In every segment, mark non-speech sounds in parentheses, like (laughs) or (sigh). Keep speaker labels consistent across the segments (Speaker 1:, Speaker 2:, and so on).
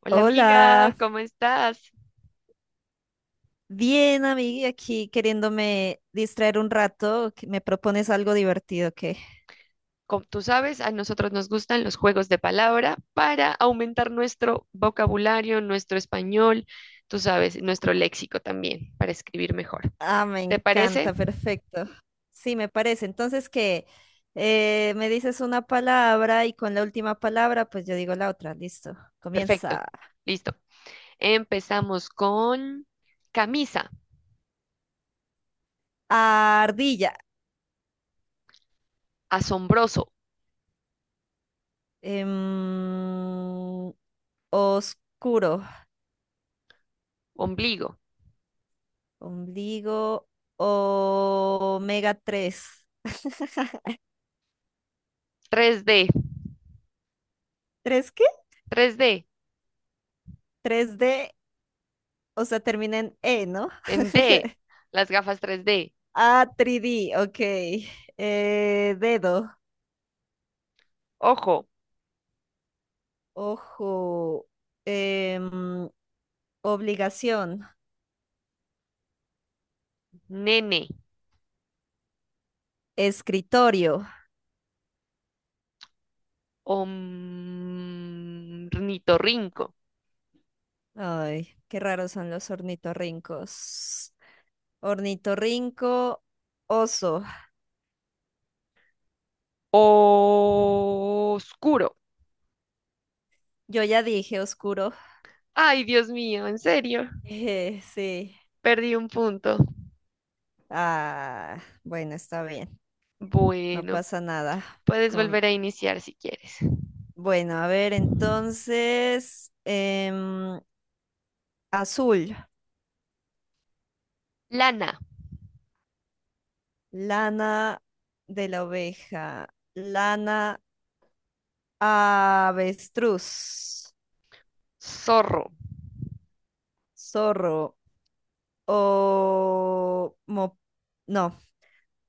Speaker 1: Hola amiga,
Speaker 2: Hola,
Speaker 1: ¿cómo estás?
Speaker 2: bien amiga, aquí queriéndome distraer un rato, que me propones algo divertido que...
Speaker 1: Como tú sabes, a nosotros nos gustan los juegos de palabra para aumentar nuestro vocabulario, nuestro español, tú sabes, nuestro léxico también, para escribir mejor.
Speaker 2: Ah, me
Speaker 1: ¿Te parece?
Speaker 2: encanta, perfecto. Sí, me parece. Entonces que me dices una palabra y con la última palabra, pues yo digo la otra, listo.
Speaker 1: Perfecto.
Speaker 2: Comienza.
Speaker 1: Listo. Empezamos con camisa,
Speaker 2: Ardilla.
Speaker 1: asombroso,
Speaker 2: Em, Oscuro.
Speaker 1: ombligo,
Speaker 2: Ombligo. Omega 3.
Speaker 1: 3D,
Speaker 2: ¿Tres qué?
Speaker 1: 3D,
Speaker 2: Tres d. O sea, termina en E, ¿no?
Speaker 1: en D, las gafas 3D,
Speaker 2: Ah, 3D, ok. Dedo,
Speaker 1: ojo,
Speaker 2: ojo, em, obligación,
Speaker 1: nene,
Speaker 2: escritorio.
Speaker 1: ornitorrinco.
Speaker 2: Ay, qué raros son los ornitorrincos. Ornitorrinco, oso.
Speaker 1: Oscuro.
Speaker 2: Yo ya dije oscuro. (laughs)
Speaker 1: Ay, Dios mío, en serio.
Speaker 2: Sí.
Speaker 1: Perdí un punto.
Speaker 2: Ah, bueno, está bien. No
Speaker 1: Bueno,
Speaker 2: pasa nada.
Speaker 1: puedes
Speaker 2: Con...
Speaker 1: volver a iniciar si quieres.
Speaker 2: Bueno, a ver, entonces, azul.
Speaker 1: Lana,
Speaker 2: Lana de la oveja, lana avestruz,
Speaker 1: zorro,
Speaker 2: zorro, o mo- no,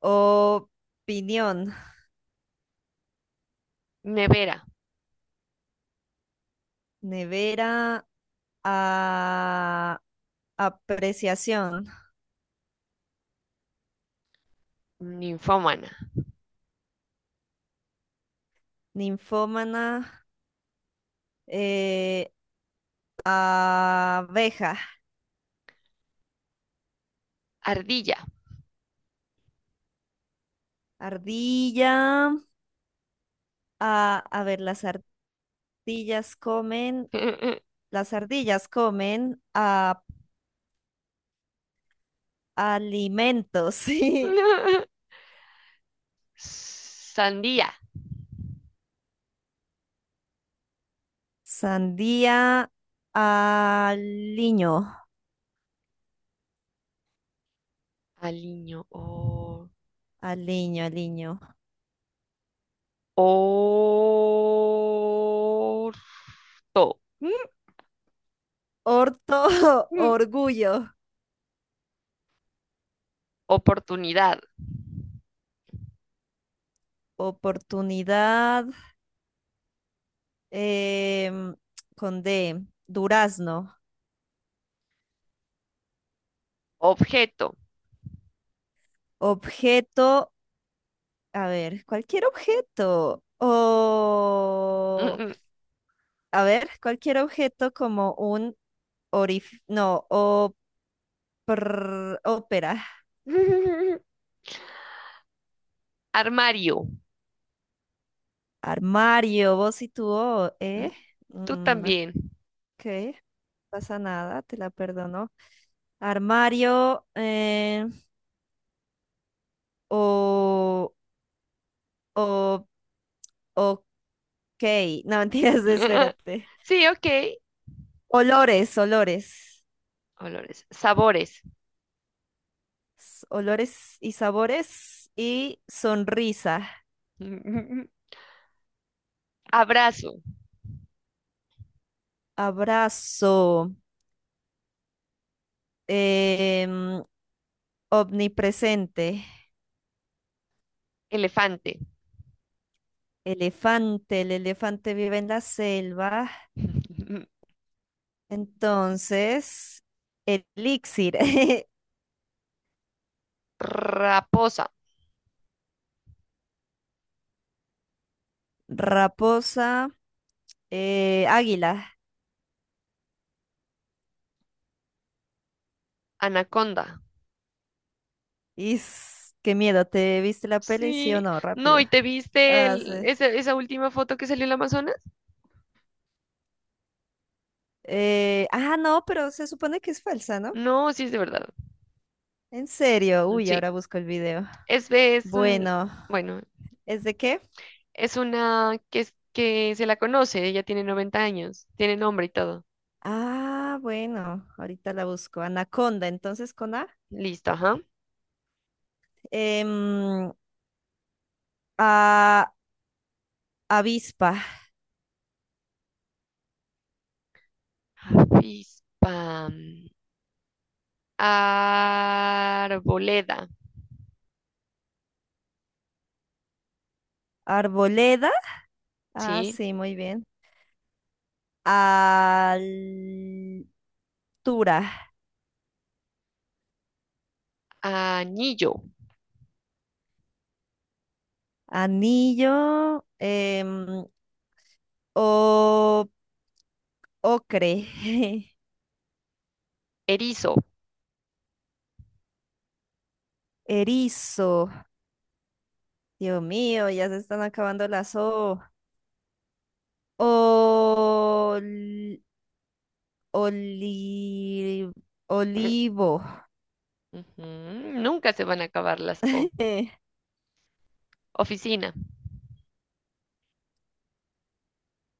Speaker 2: opinión,
Speaker 1: nevera,
Speaker 2: nevera, a- apreciación,
Speaker 1: ninfómana,
Speaker 2: ninfómana, eh, abeja,
Speaker 1: ardilla,
Speaker 2: ardilla, a ver,
Speaker 1: (laughs)
Speaker 2: las ardillas comen a. Alimentos, (laughs) sí.
Speaker 1: sandía,
Speaker 2: Sandía, aliño,
Speaker 1: aliño,
Speaker 2: aliño.
Speaker 1: orto,
Speaker 2: Orto, (laughs)
Speaker 1: mm,
Speaker 2: orgullo,
Speaker 1: oportunidad,
Speaker 2: oportunidad, em, con D, durazno,
Speaker 1: objeto.
Speaker 2: objeto, a ver, cualquier objeto, o, a ver, cualquier objeto como un no, o, ópera,
Speaker 1: (laughs) Armario.
Speaker 2: armario, vos y tu O,
Speaker 1: Mm.
Speaker 2: ¿eh?
Speaker 1: Tú
Speaker 2: Mm,
Speaker 1: también.
Speaker 2: ok, no pasa nada, te la perdono. Armario, o, o, ok, no mentiras, (laughs)
Speaker 1: (laughs)
Speaker 2: espérate.
Speaker 1: Sí, ok.
Speaker 2: Olores,
Speaker 1: Olores. Sabores.
Speaker 2: Olores y sabores y sonrisa,
Speaker 1: (laughs) Abrazo.
Speaker 2: abrazo, em, omnipresente,
Speaker 1: Elefante.
Speaker 2: elefante, el elefante vive en la selva.
Speaker 1: (laughs)
Speaker 2: Entonces, elixir, (laughs)
Speaker 1: Raposa.
Speaker 2: raposa, águila.
Speaker 1: Anaconda.
Speaker 2: Is, qué miedo, ¿te viste la peli? Sí o
Speaker 1: Sí.
Speaker 2: no,
Speaker 1: No,
Speaker 2: rápido.
Speaker 1: ¿y te viste
Speaker 2: Ah, sí.
Speaker 1: esa, esa última foto que salió en el Amazonas?
Speaker 2: No, pero se supone que es falsa, ¿no?
Speaker 1: No, sí es de verdad.
Speaker 2: En serio,
Speaker 1: Mm.
Speaker 2: uy,
Speaker 1: Sí.
Speaker 2: ahora busco el video.
Speaker 1: Es un,
Speaker 2: Bueno,
Speaker 1: bueno,
Speaker 2: ¿es de qué?
Speaker 1: es una que, es- Que se la conoce. Ella tiene 90 años. Tiene nombre y todo.
Speaker 2: Ah, bueno, ahorita la busco. Anaconda, entonces con A.
Speaker 1: Listo, ajá.
Speaker 2: Em, a- avispa,
Speaker 1: Avispa. Arboleda,
Speaker 2: arboleda. Ah,
Speaker 1: ¿sí?
Speaker 2: sí, muy bien. Altura.
Speaker 1: Anillo,
Speaker 2: Anillo. O, ocre. (laughs)
Speaker 1: erizo.
Speaker 2: Erizo. Dios mío, ya se están acabando las O. Ol- oli- olivo.
Speaker 1: Ujú. Nunca se van a acabar las O.
Speaker 2: (laughs)
Speaker 1: Oficina.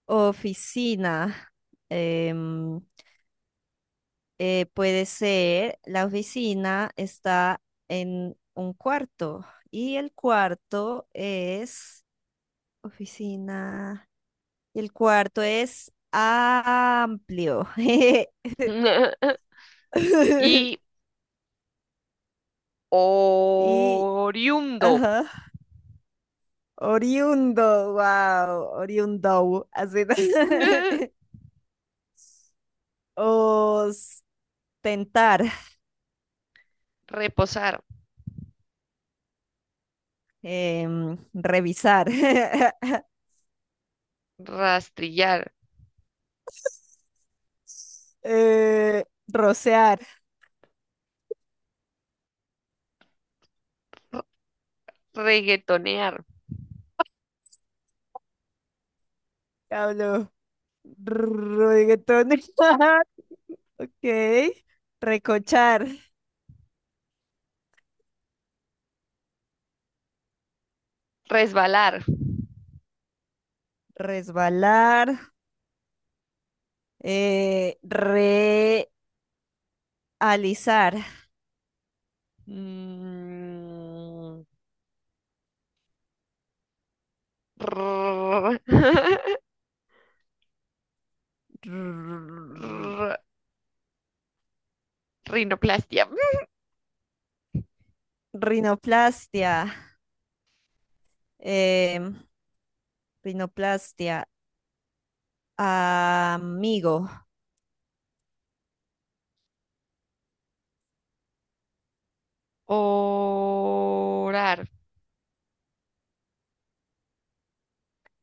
Speaker 2: Oficina. em, puede ser, la oficina está en un cuarto y el cuarto es oficina y el cuarto es amplio.
Speaker 1: (laughs)
Speaker 2: (laughs)
Speaker 1: Y
Speaker 2: Y,
Speaker 1: oriundo.
Speaker 2: ajá, oriundo, wow, oriundo, así. (laughs)
Speaker 1: (laughs)
Speaker 2: Ostentar,
Speaker 1: Reposar,
Speaker 2: revisar, (laughs)
Speaker 1: rastrillar,
Speaker 2: rocear,
Speaker 1: r- reguetonear,
Speaker 2: hablo. Reggaetón. (laughs) Ok. Recochar.
Speaker 1: resbalar.
Speaker 2: Resbalar. Realizar.
Speaker 1: Mm, rrr, (laughs)
Speaker 2: r-
Speaker 1: rr, Rinoplastia.
Speaker 2: Rinoplastia. em, Rinoplastia. Amigo.
Speaker 1: (laughs) Orar.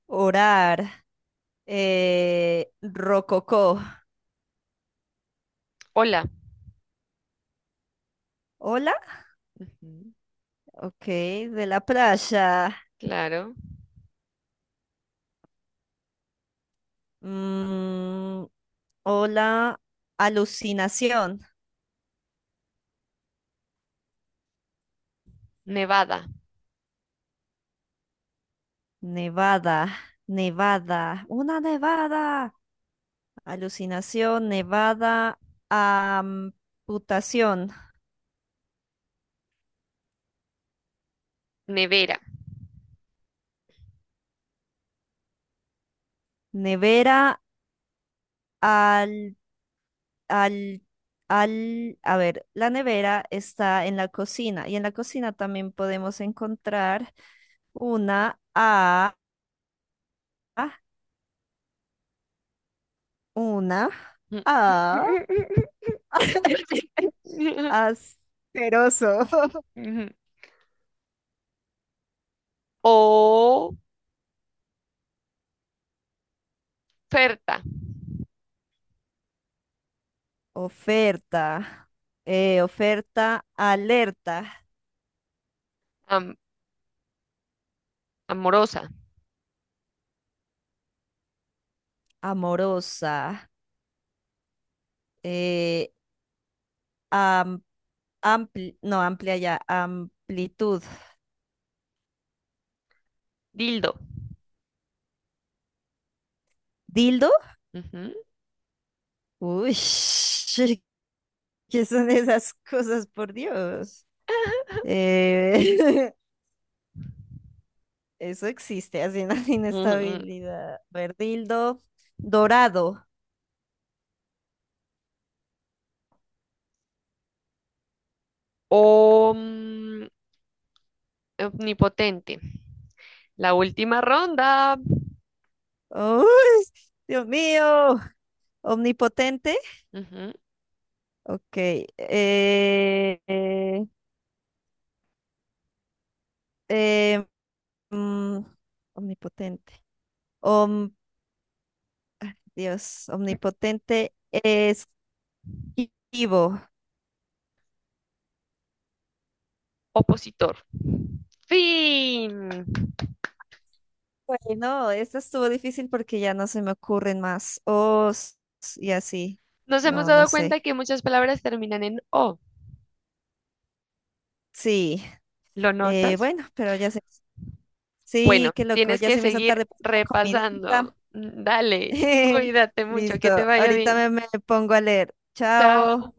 Speaker 2: Orar. Rococó.
Speaker 1: Hola.
Speaker 2: Hola.
Speaker 1: Ujú.
Speaker 2: Ok. De la playa.
Speaker 1: Claro.
Speaker 2: Mm, hola. Alucinación.
Speaker 1: Nevada,
Speaker 2: Nevada, una nevada, alucinación, nevada, amputación,
Speaker 1: nevera.
Speaker 2: nevera, al, al, al, a ver, la nevera está en la cocina y en la cocina también podemos encontrar una A, una A,
Speaker 1: (laughs)
Speaker 2: (laughs) asqueroso,
Speaker 1: Ujú. Oferta,
Speaker 2: oferta, oferta, alerta,
Speaker 1: am- amorosa,
Speaker 2: amorosa. eh, am- no, amplia ya, amplitud.
Speaker 1: dildo.
Speaker 2: ¿Dildo?
Speaker 1: Ujú.
Speaker 2: Uy, (laughs) ¿qué son esas cosas, por Dios? Eh, (laughs) eso existe, así una
Speaker 1: Ujú.
Speaker 2: inestabilidad. A ver, dildo dorado.
Speaker 1: O mm, omnipotente. La última ronda.
Speaker 2: Uy, Dios mío, omnipotente.
Speaker 1: Ujú.
Speaker 2: Ok, eh, eh, mm, omnipotente. Om, Dios, omnipotente es vivo.
Speaker 1: Opositor. Fin.
Speaker 2: Bueno, esta estuvo difícil porque ya no se me ocurren más os y así.
Speaker 1: Nos hemos
Speaker 2: No, no
Speaker 1: dado
Speaker 2: sé.
Speaker 1: cuenta que muchas palabras terminan en O.
Speaker 2: Sí,
Speaker 1: ¿Lo notas?
Speaker 2: bueno, pero ya sé. Sí,
Speaker 1: Bueno,
Speaker 2: qué loco,
Speaker 1: tienes
Speaker 2: ya
Speaker 1: que
Speaker 2: se me hizo
Speaker 1: seguir
Speaker 2: tarde por la
Speaker 1: repasando.
Speaker 2: comidita.
Speaker 1: Dale,
Speaker 2: (laughs)
Speaker 1: cuídate mucho,
Speaker 2: Listo,
Speaker 1: que te vaya
Speaker 2: ahorita
Speaker 1: bien.
Speaker 2: me pongo a leer.
Speaker 1: Chao.
Speaker 2: Chao.